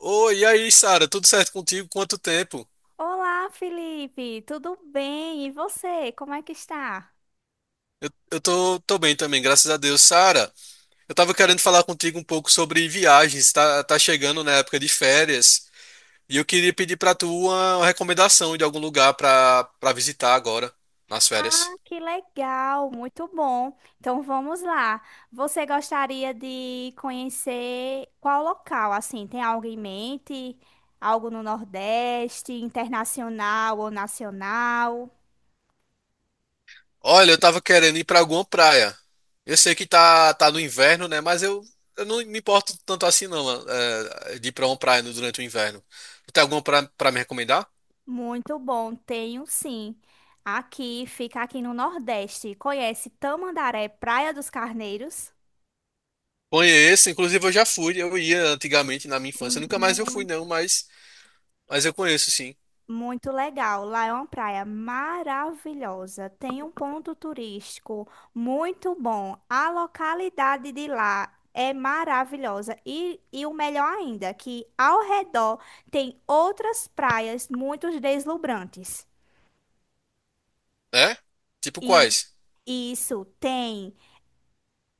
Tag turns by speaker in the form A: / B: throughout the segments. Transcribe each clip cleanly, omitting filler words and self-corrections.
A: Oi, e aí, Sara? Tudo certo contigo? Quanto tempo?
B: Olá, Felipe, tudo bem? E você, como é que está?
A: Eu tô bem também, graças a Deus. Sara, eu tava querendo falar contigo um pouco sobre viagens. Tá chegando na época de férias e eu queria pedir pra tu uma recomendação de algum lugar pra visitar agora, nas
B: Ah,
A: férias.
B: que legal, muito bom. Então vamos lá. Você gostaria de conhecer qual local? Assim, tem algo em mente? Algo no Nordeste, internacional ou nacional?
A: Olha, eu tava querendo ir pra alguma praia. Eu sei que tá no inverno, né? Eu não me importo tanto assim, não, de ir pra uma praia durante o inverno. Tu tem alguma pra me recomendar?
B: Muito bom, tenho sim. Aqui, fica aqui no Nordeste. Conhece Tamandaré, Praia dos Carneiros?
A: Conheço, inclusive eu já fui, eu ia antigamente na minha infância, nunca mais eu fui
B: Muito
A: não, mas eu conheço sim.
B: Muito legal. Lá é uma praia maravilhosa. Tem um ponto turístico muito bom. A localidade de lá é maravilhosa. E o melhor ainda, que ao redor tem outras praias muito deslumbrantes.
A: É? Tipo
B: E
A: quais?
B: isso tem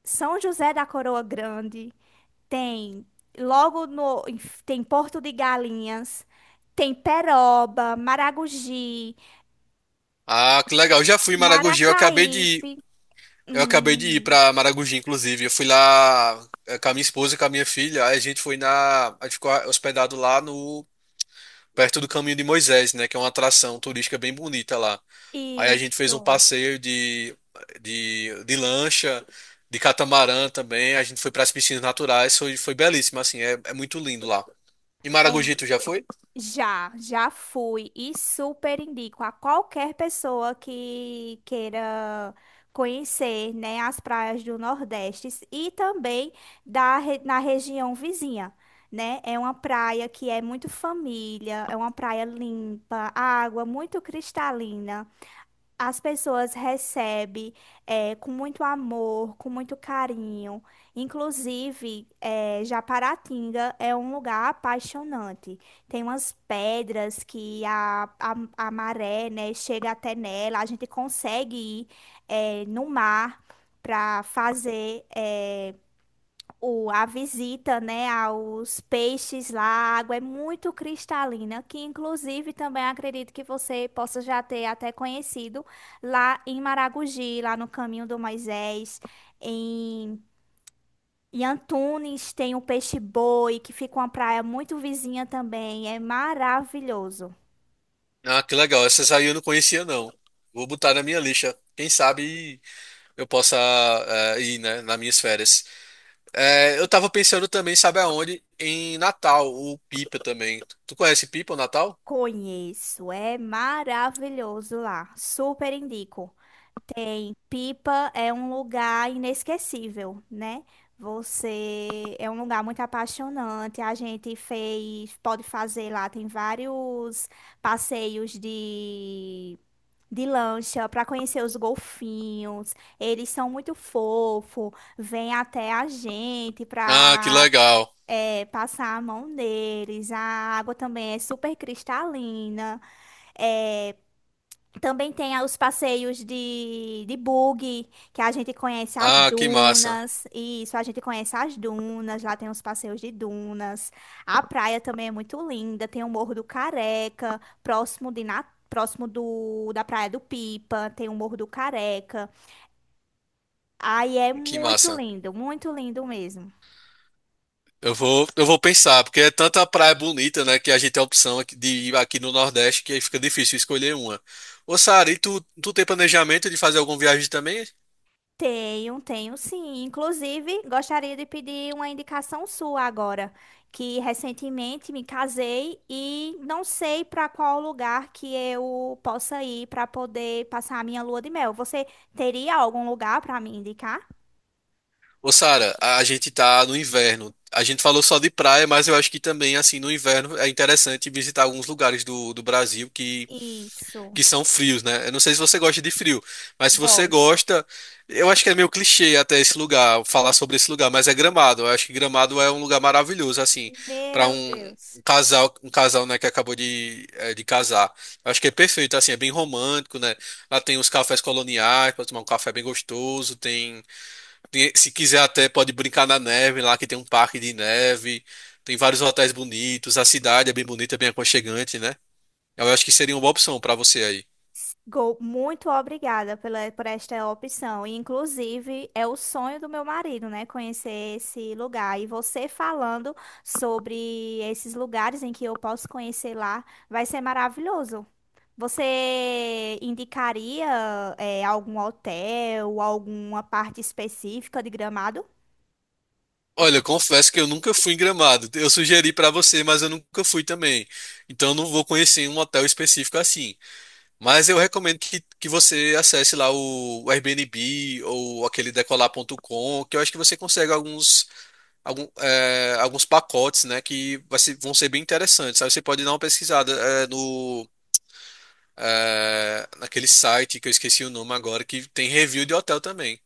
B: São José da Coroa Grande, tem logo no, tem Porto de Galinhas, tem Peroba, Maragogi,
A: Ah, que legal, eu já fui em Maragogi, eu acabei de ir,
B: Maracaípe.
A: eu acabei de ir
B: Hum,
A: pra Maragogi, inclusive, eu fui lá com a minha esposa e com a minha filha, aí a gente ficou hospedado lá no, perto do Caminho de Moisés, né, que é uma atração turística bem bonita lá. Aí a gente fez um
B: isso.
A: passeio de lancha, de catamarã também. A gente foi para as piscinas naturais, foi, foi belíssimo, assim, é muito lindo lá. E
B: É,
A: Maragogi, tu já foi?
B: já fui e super indico a qualquer pessoa que queira conhecer, né, as praias do Nordeste e também re- na região vizinha, né? É uma praia que é muito família, é uma praia limpa, água muito cristalina. As pessoas recebem, com muito amor, com muito carinho. Inclusive, Japaratinga é um lugar apaixonante. Tem umas pedras que a maré, né, chega até nela. A gente consegue ir, no mar para fazer a visita, né, aos peixes lá. A água é muito cristalina, que inclusive também acredito que você possa já ter até conhecido lá em Maragogi, lá no Caminho do Moisés, em, em Antunes tem o peixe-boi, que fica uma praia muito vizinha também, é maravilhoso.
A: Ah, que legal. Essas aí eu não conhecia, não. Vou botar na minha lista. Quem sabe eu possa ir, né, nas minhas férias. Eu tava pensando também, sabe aonde? Em Natal, o Pipa também. Tu conhece Pipa, o Natal?
B: Conheço, é maravilhoso lá, super indico. Em Pipa é um lugar inesquecível, né? Você é um lugar muito apaixonante. A gente fez, pode fazer lá, tem vários passeios de lancha para conhecer os golfinhos. Eles são muito fofos, vêm até a gente
A: Ah, que
B: para
A: legal.
B: passar a mão deles. A água também é super cristalina. É, também tem a- os passeios de buggy, que a gente conhece as
A: Ah, que massa.
B: dunas. Isso, a gente conhece as dunas. Lá tem os passeios de dunas. A praia também é muito linda. Tem o Morro do Careca, próximo de Na- próximo do, da Praia do Pipa. Tem o Morro do Careca. Aí é
A: Que massa.
B: muito lindo mesmo.
A: Eu vou pensar, porque é tanta praia bonita, né, que a gente tem a opção aqui de ir aqui no Nordeste, que aí fica difícil escolher uma. Ô, Sara, e tu tem planejamento de fazer alguma viagem também?
B: Tenho, tenho sim. Inclusive, gostaria de pedir uma indicação sua agora, que recentemente me casei e não sei para qual lugar que eu possa ir para poder passar a minha lua de mel. Você teria algum lugar para me indicar?
A: Ô, Sara, a gente tá no inverno. A gente falou só de praia, mas eu acho que também, assim, no inverno é interessante visitar alguns lugares do Brasil
B: Isso,
A: que são frios, né? Eu não sei se você gosta de frio, mas se você
B: gosto.
A: gosta, eu acho que é meio clichê até esse lugar, falar sobre esse lugar, mas é Gramado. Eu acho que Gramado é um lugar maravilhoso, assim, para
B: Meu Deus.
A: um casal, né, que acabou de casar. Eu acho que é perfeito, assim, é bem romântico, né? Lá tem os cafés coloniais, pode tomar um café bem gostoso, se quiser até pode brincar na neve lá, que tem um parque de neve, tem vários hotéis bonitos, a cidade é bem bonita, bem aconchegante, né? Eu acho que seria uma boa opção para você aí.
B: Muito obrigada pela, por esta opção. E, inclusive, é o sonho do meu marido, né? Conhecer esse lugar. E você falando sobre esses lugares em que eu posso conhecer lá, vai ser maravilhoso. Você indicaria, algum hotel, alguma parte específica de Gramado?
A: Olha, eu confesso que eu nunca fui em Gramado. Eu sugeri pra você, mas eu nunca fui também. Então eu não vou conhecer um hotel específico assim. Mas eu recomendo que você acesse lá o Airbnb ou aquele decolar.com, que eu acho que você consegue alguns pacotes, né, vão ser bem interessantes. Aí você pode dar uma pesquisada no naquele site que eu esqueci o nome agora, que tem review de hotel também.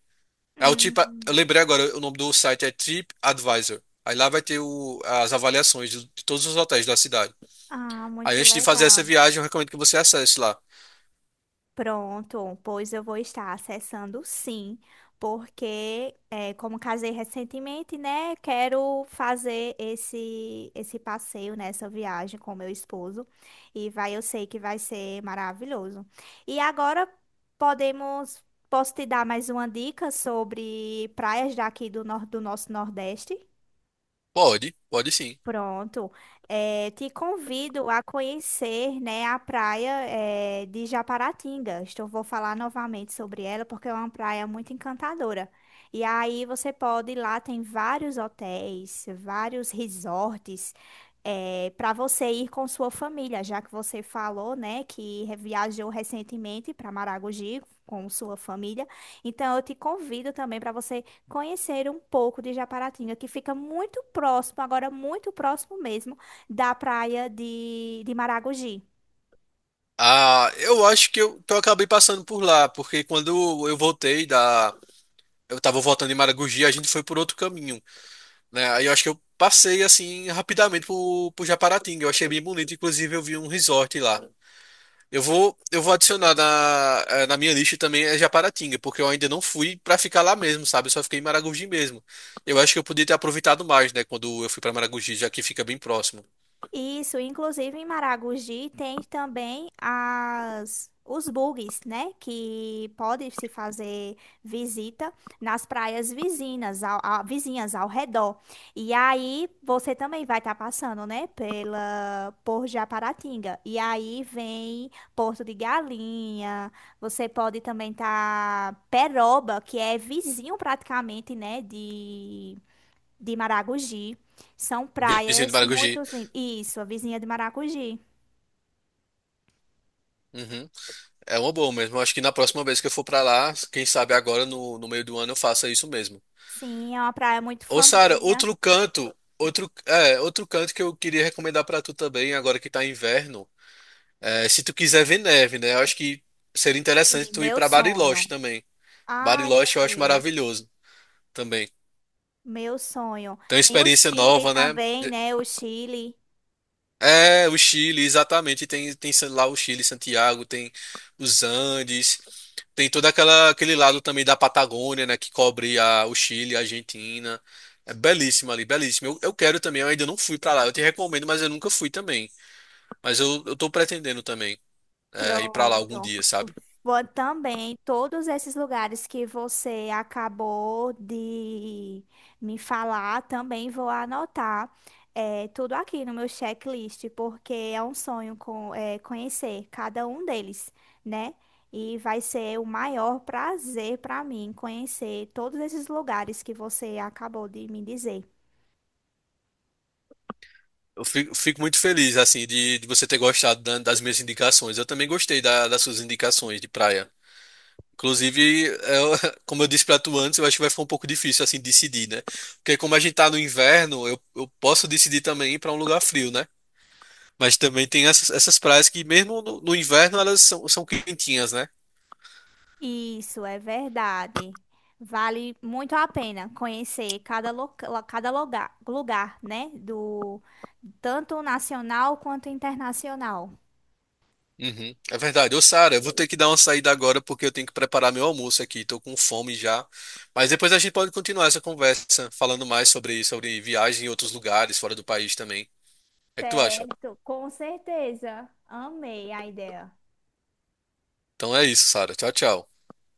A: É o tipo, eu
B: Hum.
A: lembrei agora, o nome do site é TripAdvisor. Aí lá vai ter as avaliações de todos os hotéis da cidade.
B: Ah,
A: Aí
B: muito
A: antes de fazer essa
B: legal.
A: viagem, eu recomendo que você acesse lá.
B: Pronto, pois eu vou estar acessando sim, porque é, como casei recentemente, né, quero fazer esse passeio, né, essa viagem com meu esposo e vai, eu sei que vai ser maravilhoso. E agora podemos, posso te dar mais uma dica sobre praias daqui do, nor do nosso Nordeste?
A: Pode, pode sim.
B: Pronto. Te convido a conhecer, né, a praia, de Japaratinga. Estou, vou falar novamente sobre ela porque é uma praia muito encantadora. E aí você pode ir lá, tem vários hotéis, vários resorts, para você ir com sua família, já que você falou, né, que re- viajou recentemente para Maragogi com sua família. Então eu te convido também para você conhecer um pouco de Japaratinga, que fica muito próximo, agora muito próximo mesmo, da praia de Maragogi.
A: Ah, eu acho que que eu acabei passando por lá, porque quando eu voltei da. Eu tava voltando em Maragogi, a gente foi por outro caminho, né? Aí eu acho que eu passei assim rapidamente por Japaratinga. Eu achei bem bonito, inclusive eu vi um resort lá. Eu vou adicionar na minha lista também é Japaratinga, porque eu ainda não fui pra ficar lá mesmo, sabe? Eu só fiquei em Maragogi mesmo. Eu acho que eu podia ter aproveitado mais, né, quando eu fui pra Maragogi, já que fica bem próximo.
B: Isso, inclusive em Maragogi tem também as os bugs, né? Que pode se fazer visita nas praias vizinhas, ao, a- vizinhas ao redor. E aí você também vai estar passando, né? Pela por Japaratinga. E aí vem Porto de Galinha. Você pode também estar Peroba, que é vizinho praticamente, né? De Maragogi. São
A: Vizinho de
B: praias muito
A: Maragogi.
B: lindas. Isso, a vizinha de Maragogi.
A: Uhum. É uma boa mesmo. Eu acho que na próxima vez que eu for pra lá, quem sabe agora no meio do ano eu faça isso mesmo.
B: Sim, é uma praia muito
A: Ô, Sara,
B: família.
A: outro canto, outro canto que eu queria recomendar pra tu também, agora que tá inverno, se tu quiser ver neve, né? Eu acho que seria interessante
B: Sim,
A: tu ir
B: meu
A: pra
B: sonho.
A: Bariloche também.
B: Ai, meu
A: Bariloche eu acho
B: Deus.
A: maravilhoso também.
B: Meu sonho.
A: Tem uma
B: Tem o
A: experiência
B: Chile
A: nova, né?
B: também, né? O Chile.
A: É, o Chile, exatamente. Tem lá o Chile, Santiago, tem os Andes, tem aquele lado também da Patagônia, né? Que cobre o Chile, a Argentina. É belíssimo ali, belíssimo. Eu quero também, eu ainda não fui pra lá. Eu te recomendo, mas eu nunca fui também. Eu tô pretendendo também ir pra lá algum
B: Pronto.
A: dia, sabe?
B: Vou também, todos esses lugares que você acabou de me falar, também vou anotar, tudo aqui no meu checklist, porque é um sonho conhecer cada um deles, né? E vai ser o maior prazer para mim conhecer todos esses lugares que você acabou de me dizer.
A: Fico muito feliz, assim, de você ter gostado das minhas indicações. Eu também gostei das suas indicações de praia. Inclusive, como eu disse pra tu antes, eu acho que vai ficar um pouco difícil assim decidir, né? Porque como a gente tá no inverno, eu posso decidir também ir pra um lugar frio, né? Mas também tem essas praias que mesmo no inverno elas são, são quentinhas, né?
B: Isso é verdade. Vale muito a pena conhecer cada, loca- cada lugar, lugar, né? Do tanto nacional quanto internacional.
A: Uhum, é verdade. Ô, Sara, eu vou ter que dar uma saída agora porque eu tenho que preparar meu almoço aqui. Tô com fome já. Mas depois a gente pode continuar essa conversa falando mais sobre sobre viagem em outros lugares, fora do país também. O que é que tu acha?
B: Certo, com certeza. Amei a ideia.
A: Então é isso, Sara. Tchau, tchau.